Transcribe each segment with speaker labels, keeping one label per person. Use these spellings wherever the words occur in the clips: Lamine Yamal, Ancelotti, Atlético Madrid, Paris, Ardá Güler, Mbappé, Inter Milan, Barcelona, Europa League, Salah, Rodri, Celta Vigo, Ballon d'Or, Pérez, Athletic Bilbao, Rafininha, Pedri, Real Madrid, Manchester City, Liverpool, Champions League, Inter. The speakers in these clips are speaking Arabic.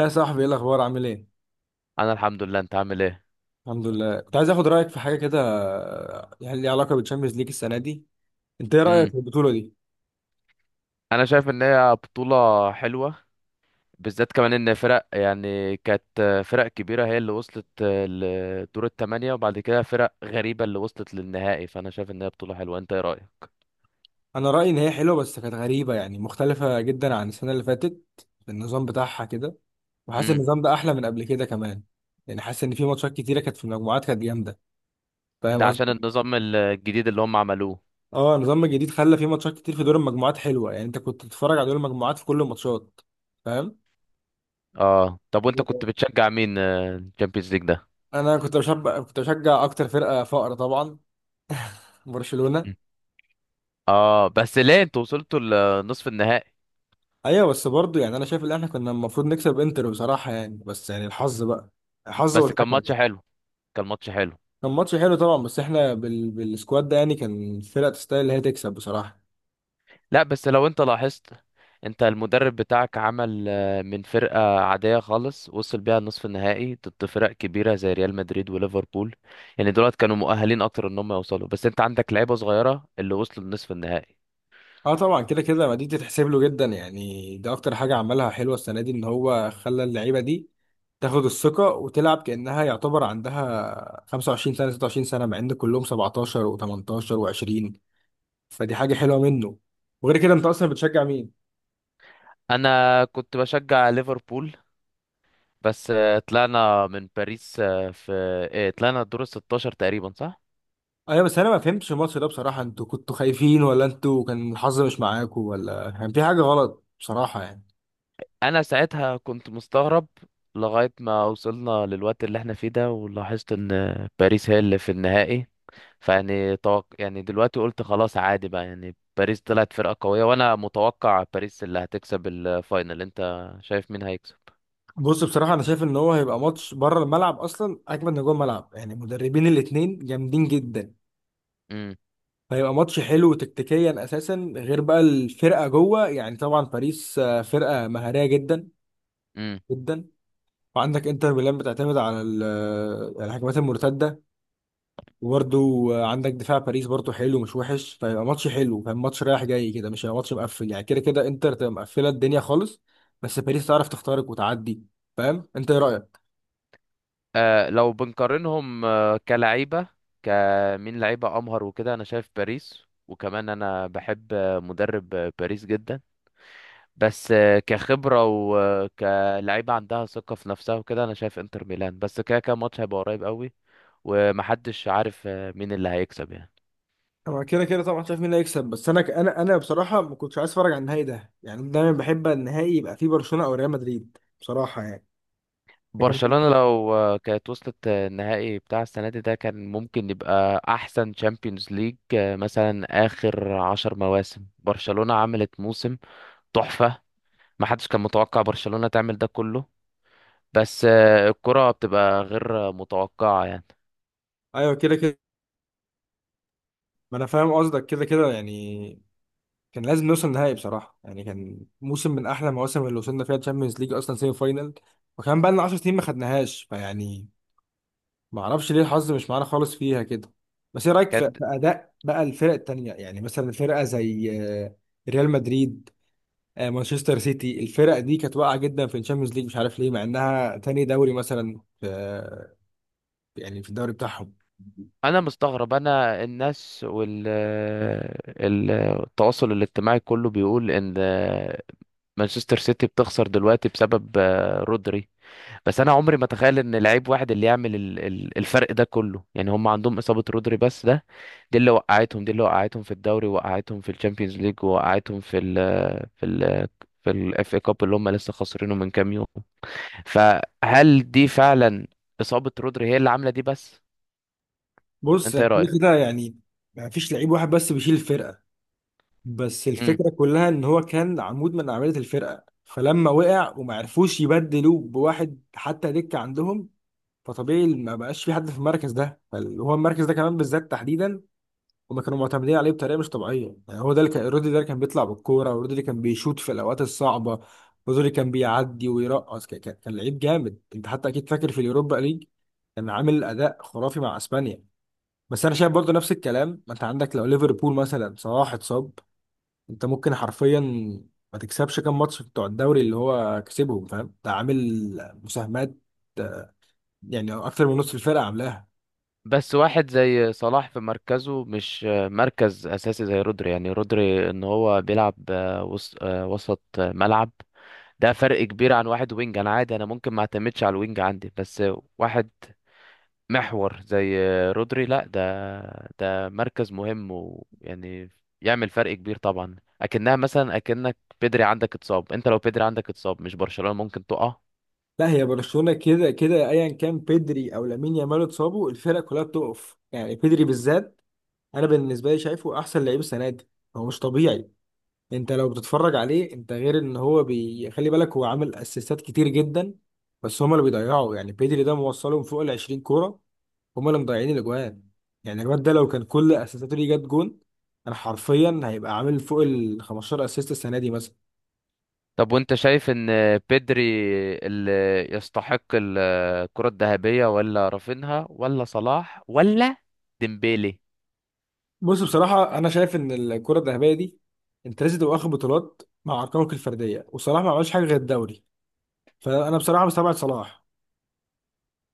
Speaker 1: يا صاحبي، ايه الاخبار؟ عامل ايه؟
Speaker 2: انا الحمد لله، انت عامل ايه؟
Speaker 1: الحمد لله، كنت عايز اخد رايك في حاجه كده، يعني ليها علاقه بالتشامبيونز ليج السنه دي. انت ايه رايك
Speaker 2: امم
Speaker 1: في البطوله دي؟
Speaker 2: انا شايف ان هي بطولة حلوة، بالذات كمان ان فرق يعني كانت فرق كبيرة هي اللي وصلت لدور الثمانية، وبعد كده فرق غريبة اللي وصلت للنهائي، فانا شايف ان هي بطولة حلوة. انت ايه رأيك؟
Speaker 1: انا رايي ان هي حلوه بس كانت غريبه، يعني مختلفه جدا عن السنه اللي فاتت في النظام بتاعها كده. وحاسس إن
Speaker 2: امم
Speaker 1: النظام ده احلى من قبل كده كمان. يعني حاسس ان في ماتشات كتيره كانت في المجموعات كانت جامده. فاهم
Speaker 2: ده عشان
Speaker 1: قصدي؟
Speaker 2: النظام الجديد اللي هم عملوه.
Speaker 1: اه، النظام الجديد خلى في ماتشات كتير في دور المجموعات حلوه، يعني انت كنت تتفرج على دور المجموعات في كل الماتشات. فاهم؟
Speaker 2: اه، طب وانت كنت بتشجع مين الشامبيونز ليج ده؟
Speaker 1: انا كنت بشجع اكتر فرقه فقر طبعا، برشلونه.
Speaker 2: مم. اه بس ليه انتوا وصلتوا لنصف النهائي؟
Speaker 1: ايوه بس برضه يعني انا شايف ان احنا كنا المفروض نكسب انتر بصراحه يعني، بس يعني الحظ بقى، الحظ
Speaker 2: بس كان
Speaker 1: والحكم
Speaker 2: ماتش
Speaker 1: يعني.
Speaker 2: حلو، كان ماتش حلو.
Speaker 1: كان ماتش حلو طبعا، بس احنا بالسكواد ده يعني كان الفرقه تستاهل اللي هي تكسب بصراحه.
Speaker 2: لا بس لو انت لاحظت، انت المدرب بتاعك عمل من فرقة عادية خالص وصل بيها النصف النهائي ضد فرق كبيرة زي ريال مدريد وليفربول. يعني دولت كانوا مؤهلين اكتر ان هم يوصلوا، بس انت عندك لعيبة صغيرة اللي وصلوا لنصف النهائي.
Speaker 1: اه طبعا، كده كده ما دي تتحسب له جدا، يعني ده اكتر حاجه عملها حلوه السنه دي ان هو خلى اللعيبه دي تاخد الثقه وتلعب كانها يعتبر عندها 25 سنه 26 سنه، مع ان كلهم 17 و18 و20. فدي حاجه حلوه منه. وغير كده انت اصلا بتشجع مين؟
Speaker 2: انا كنت بشجع ليفربول، بس طلعنا من باريس آه، في آه، طلعنا الدور ال 16 تقريبا، صح؟
Speaker 1: ايوه بس انا ما فهمتش الماتش ده بصراحه. انتوا كنتوا خايفين، ولا انتوا كان الحظ مش معاكوا، ولا كان في حاجه غلط بصراحه يعني؟
Speaker 2: انا ساعتها كنت مستغرب لغاية ما وصلنا للوقت اللي احنا فيه ده، ولاحظت ان باريس هي اللي في النهائي. فيعني توق... يعني دلوقتي قلت خلاص، عادي بقى، يعني باريس طلعت فرقة قوية، وانا متوقع باريس اللي هتكسب الفاينل. انت شايف مين هيكسب؟
Speaker 1: بص، بصراحه انا شايف ان هو هيبقى ماتش بره الملعب اصلا اجمل من جوه الملعب، يعني المدربين الاتنين جامدين جدا.
Speaker 2: امم
Speaker 1: فهيبقى ماتش حلو تكتيكيا اساسا، غير بقى الفرقه جوه. يعني طبعا باريس فرقه مهاريه جدا
Speaker 2: امم
Speaker 1: جدا. وعندك انتر ميلان بتعتمد على الهجمات المرتده. وبرده عندك دفاع باريس برضه حلو، مش وحش. فيبقى ماتش حلو، فاهم، ماتش رايح جاي كده. مش هيبقى ماتش مقفل، يعني كده كده انتر تبقى مقفله الدنيا خالص. بس باريس تعرف تخترق وتعدي، فاهم. انت ايه رايك؟
Speaker 2: لو بنقارنهم كلعيبة، كمين لعيبة امهر وكده انا شايف باريس، وكمان انا بحب مدرب باريس جدا. بس كخبرة وكلعيبة عندها ثقة في نفسها وكده، أنا شايف إنتر ميلان، بس كده كده الماتش هيبقى قريب قوي، ومحدش عارف مين اللي هيكسب يعني.
Speaker 1: انا كده كده طبعا شايف مين اللي هيكسب، بس انا بصراحه ما كنتش عايز اتفرج على النهائي ده، يعني أنا دايما بحب النهائي يبقى فيه برشلونه او ريال مدريد بصراحه يعني. لكن
Speaker 2: برشلونة لو كانت وصلت النهائي بتاع السنة دي، ده كان ممكن يبقى أحسن تشامبيونز ليج. مثلا، آخر 10 مواسم برشلونة عملت موسم تحفة. محدش كان متوقع برشلونة تعمل ده كله، بس الكرة بتبقى غير متوقعة يعني.
Speaker 1: ايوه كده كده، ما انا فاهم قصدك كده كده يعني. كان لازم نوصل نهائي بصراحة، يعني كان موسم من أحلى المواسم اللي وصلنا فيها تشامبيونز ليج أصلا سيمي فاينال. وكان بقى لنا 10 سنين ما خدناهاش، فيعني ما أعرفش ليه الحظ مش معانا خالص فيها كده. بس إيه رأيك في
Speaker 2: كانت
Speaker 1: في أداء بقى الفرق التانية؟ يعني مثلا فرقة زي ريال مدريد، مانشستر سيتي، الفرق دي كانت واقعة جدا في الشامبيونز ليج، مش عارف ليه، مع إنها تاني دوري مثلا في، يعني في الدوري بتاعهم.
Speaker 2: انا مستغرب. انا الناس وال ال- التواصل الاجتماعي كله بيقول ان مانشستر سيتي بتخسر دلوقتي بسبب رودري. بس انا عمري ما اتخيل ان لعيب واحد اللي يعمل الفرق ده كله. يعني هم عندهم اصابة رودري بس ده، دي اللي وقعتهم في الدوري، وقعتهم في الشامبيونز ليج، وقعتهم في ال في الاف اي كاب اللي هم لسه خسرينه من كام يوم. فهل دي فعلا اصابة رودري هي اللي عاملة دي بس؟
Speaker 1: بص
Speaker 2: انت ايه
Speaker 1: يعني
Speaker 2: رأيك؟
Speaker 1: كده كده يعني ما فيش لعيب واحد بس بيشيل الفرقة. بس الفكرة كلها ان هو كان عمود من اعمدة الفرقة، فلما وقع وما عرفوش يبدلوه بواحد حتى دكة عندهم، فطبيعي ما بقاش في حد في المركز ده. هو المركز ده كمان بالذات تحديدا هما كانوا معتمدين عليه بطريقة مش طبيعية. يعني هو ده اللي كان، رودري ده اللي كان بيطلع بالكورة، ورودري اللي كان بيشوط في الاوقات الصعبة، رودري اللي كان بيعدي ويرقص، كان لعيب جامد. انت حتى اكيد فاكر في اليوروبا ليج كان عامل اداء خرافي مع اسبانيا. بس انا شايف برضه نفس الكلام، ما انت عندك لو ليفربول مثلا صلاح اتصاب انت ممكن حرفيا ما تكسبش كام ماتش بتوع الدوري اللي هو كسبهم، فاهم؟ ده عامل مساهمات يعني اكتر من نص الفرقه عاملاها.
Speaker 2: بس واحد زي صلاح في مركزه مش مركز اساسي زي رودري. يعني رودري ان هو بيلعب وسط ملعب، ده فرق كبير عن واحد وينج. انا عادي، انا ممكن ما اعتمدش على الوينج عندي، بس واحد محور زي رودري، لا ده مركز مهم، ويعني يعمل فرق كبير طبعا. اكنها مثلا اكنك بيدري عندك اتصاب، انت لو بيدري عندك اتصاب مش برشلونة ممكن تقع؟
Speaker 1: لا، هي برشلونه كده كده ايا كان بيدري او لامين يامال اتصابوا الفرقه كلها بتقف، يعني بيدري بالذات انا بالنسبه لي شايفه احسن لعيب السنه دي. هو مش طبيعي. انت لو بتتفرج عليه، انت غير ان هو خلي بالك، هو عامل اسيستات كتير جدا بس هما اللي بيضيعوا. يعني بيدري ده موصلهم فوق ال 20 كوره، هما اللي مضيعين الاجوان. يعني الواد ده لو كان كل اسيستاته ليه جت جون، انا حرفيا هيبقى عامل فوق ال 15 اسيست السنه دي مثلا.
Speaker 2: طب وانت شايف ان بيدري اللي يستحق الكرة الذهبية، ولا رافينها، ولا صلاح، ولا ديمبيلي؟
Speaker 1: بص، بصراحه انا شايف ان الكره الذهبيه دي انت لازم تبقى واخد بطولات مع ارقامك الفرديه، وصلاح ما عملش حاجه غير الدوري، فانا بصراحه مستبعد صلاح.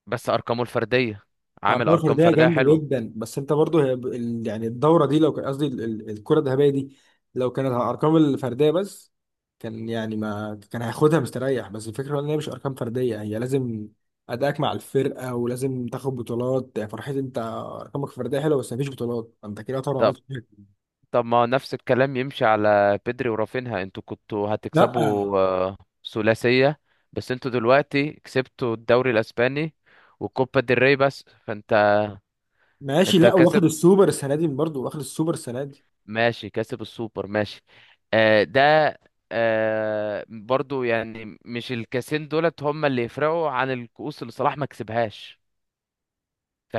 Speaker 2: بس ارقامه الفردية، عامل
Speaker 1: ارقام
Speaker 2: ارقام
Speaker 1: فرديه
Speaker 2: فردية
Speaker 1: جامده
Speaker 2: حلوة.
Speaker 1: جدا، بس انت برضو هي يعني الدوره دي لو كان قصدي الكره الذهبيه دي، لو كانت على الارقام الفرديه بس كان يعني ما كان هياخدها مستريح. بس الفكره ان هي مش ارقام فرديه، هي لازم ادائك مع الفرقه ولازم تاخد بطولات، يعني فرحتي انت ارقامك الفرديه حلوه بس مفيش بطولات، انت كده طبعا
Speaker 2: طب
Speaker 1: عملت حاجة.
Speaker 2: طب ما نفس الكلام يمشي على بيدري ورافينها. انتوا كنتوا
Speaker 1: لا،
Speaker 2: هتكسبوا ثلاثية، بس انتوا دلوقتي كسبتوا الدوري الاسباني وكوبا ديل ري بس، فانت
Speaker 1: ماشي،
Speaker 2: انت
Speaker 1: لا، واخد
Speaker 2: كسب
Speaker 1: السوبر السنه دي، برضو واخد السوبر السنه دي.
Speaker 2: ماشي، كسب السوبر، ماشي. آه ده، آه برضو يعني، مش الكاسين دولت هم اللي يفرقوا عن الكؤوس اللي صلاح ما كسبهاش،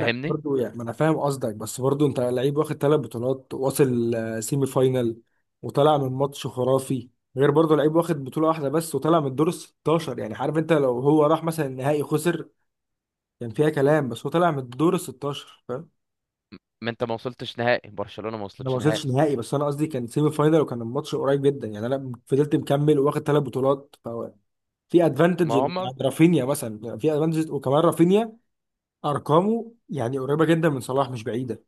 Speaker 1: لا برضو يعني ما انا فاهم قصدك، بس برضو انت لعيب واخد ثلاث بطولات واصل سيمي فاينال وطلع من ماتش خرافي، غير برضو لعيب واخد بطولة واحدة بس وطلع من الدور ال 16، يعني عارف انت لو هو راح مثلا النهائي خسر كان فيها كلام، بس هو طلع من الدور ال 16، فاهم؟
Speaker 2: ما انت ما وصلتش نهائي، برشلونة ما
Speaker 1: انا ما
Speaker 2: وصلتش نهائي
Speaker 1: وصلتش نهائي، بس انا قصدي كان سيمي فاينال وكان الماتش قريب جدا، يعني انا فضلت مكمل وواخد ثلاث بطولات، فهو في
Speaker 2: ما
Speaker 1: ادفانتج
Speaker 2: هم.
Speaker 1: عند رافينيا مثلا، يعني في ادفانتج. وكمان رافينيا ارقامه يعني قريبة جدا من صلاح، مش بعيدة.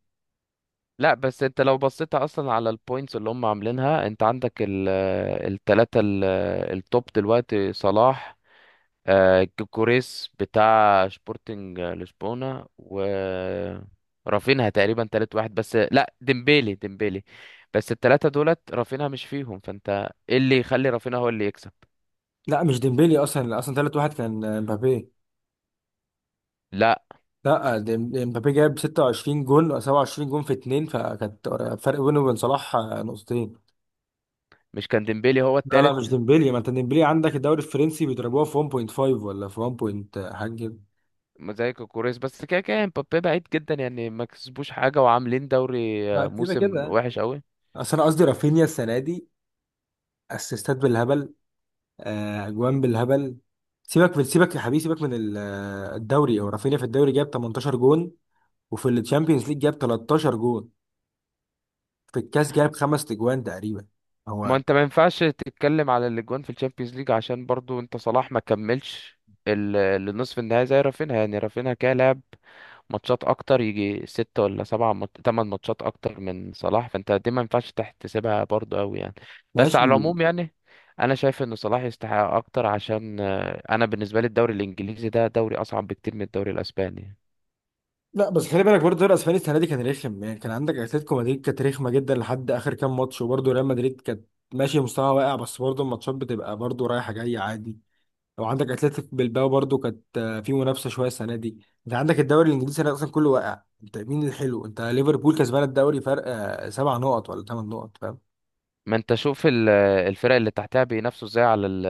Speaker 2: لا بس انت لو بصيت اصلا على البوينتس اللي هم عاملينها، انت عندك التلاتة التوب دلوقتي صلاح، كوكوريس بتاع شبورتنج لشبونة، و رافينها تقريبا تالت واحد. بس لا، ديمبيلي، ديمبيلي. بس التلاتة دولت رافينها مش فيهم، فانت ايه اللي يخلي رافينها هو اللي يكسب؟
Speaker 1: لا، مش ديمبلي، اصلا ثالث واحد كان امبابي.
Speaker 2: لا
Speaker 1: لا، امبابي جاب 26 جون أو 27 جون في اتنين، فكانت فرق بينه وبين صلاح نقطتين.
Speaker 2: مش كان ديمبيلي هو
Speaker 1: لا لا
Speaker 2: التالت
Speaker 1: مش ديمبلي، ما انت ديمبلي عندك الدوري الفرنسي بيضربوها في 1.5 ولا في 1 point حاجه كده.
Speaker 2: زي كوكوريس، بس كده كده مبابي بعيد جدا يعني، ما كسبوش حاجة وعاملين دوري،
Speaker 1: لا، كده
Speaker 2: موسم
Speaker 1: كده
Speaker 2: وحش قوي.
Speaker 1: اصل انا قصدي رافينيا السنه دي اسيستات بالهبل، اجوان بالهبل. سيبك من، سيبك يا حبيبي، سيبك من الدوري هو رافينيا في الدوري جاب 18 جون، وفي الشامبيونز ليج جاب 13 جون، في الكاس جاب خمس اجوان تقريبا
Speaker 2: ما
Speaker 1: هو.
Speaker 2: انت ما ينفعش تتكلم على الاجوان في الشامبيونز ليج عشان برضو انت صلاح ما كملش ال- النصف النهائي زي رافينها. يعني رافينها كده لعب ماتشات اكتر، يجي 6 ولا 7 8 ماتشات اكتر من صلاح، فانت دي ما ينفعش تحتسبها برضه قوي يعني. بس
Speaker 1: ماشي.
Speaker 2: على العموم يعني، انا شايف ان صلاح يستحق اكتر، عشان انا بالنسبة لي الدوري الانجليزي ده دوري اصعب بكتير من الدوري الاسباني.
Speaker 1: لا بس خلي بالك برضه الدوري الاسباني السنه دي كان رخم، يعني كان عندك اتلتيكو مدريد كانت رخمه جدا لحد اخر كام ماتش، وبرضه ريال مدريد كانت ماشي مستوى واقع، بس برضه الماتشات بتبقى برضه رايحه جايه عادي. لو عندك اتلتيك بلباو برضه كانت في منافسه شويه السنه دي. انت عندك الدوري الانجليزي السنة دي اصلا كله واقع. انت مين الحلو؟ انت ليفربول كسبان الدوري فرق سبع نقط ولا ثمان نقط، فاهم.
Speaker 2: ما انت شوف الفرق اللي تحتها بينافسوا ازاي على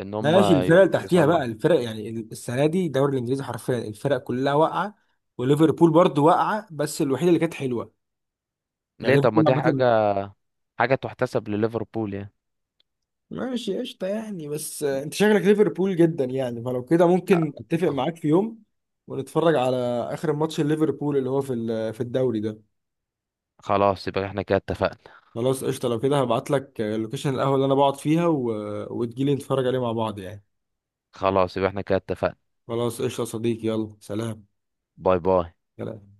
Speaker 2: ان هم
Speaker 1: ماشي، الفرق اللي تحتيها
Speaker 2: يصعدوا.
Speaker 1: بقى الفرق يعني السنه دي الدوري الانجليزي حرفيا الفرق كلها واقعه، وليفربول برضه واقعه بس الوحيده اللي كانت حلوه، يعني
Speaker 2: ليه؟ طب ما
Speaker 1: ليفربول
Speaker 2: دي
Speaker 1: عامة.
Speaker 2: حاجة، حاجة تحتسب لليفربول يعني.
Speaker 1: ماشي قشطة يعني، بس انت شكلك ليفربول جدا يعني، فلو كده ممكن اتفق
Speaker 2: أ-
Speaker 1: معاك في يوم ونتفرج على اخر ماتش ليفربول اللي هو في الدوري ده.
Speaker 2: خلاص، يبقى احنا كده اتفقنا.
Speaker 1: خلاص قشطة، لو كده هبعت لك لوكيشن القهوة اللي انا بقعد فيها وتجيلي نتفرج عليه مع بعض يعني.
Speaker 2: خلاص، يبقى احنا كده اتفقنا.
Speaker 1: خلاص قشطة يا صديقي، يلا سلام.
Speaker 2: باي باي.
Speaker 1: سلام.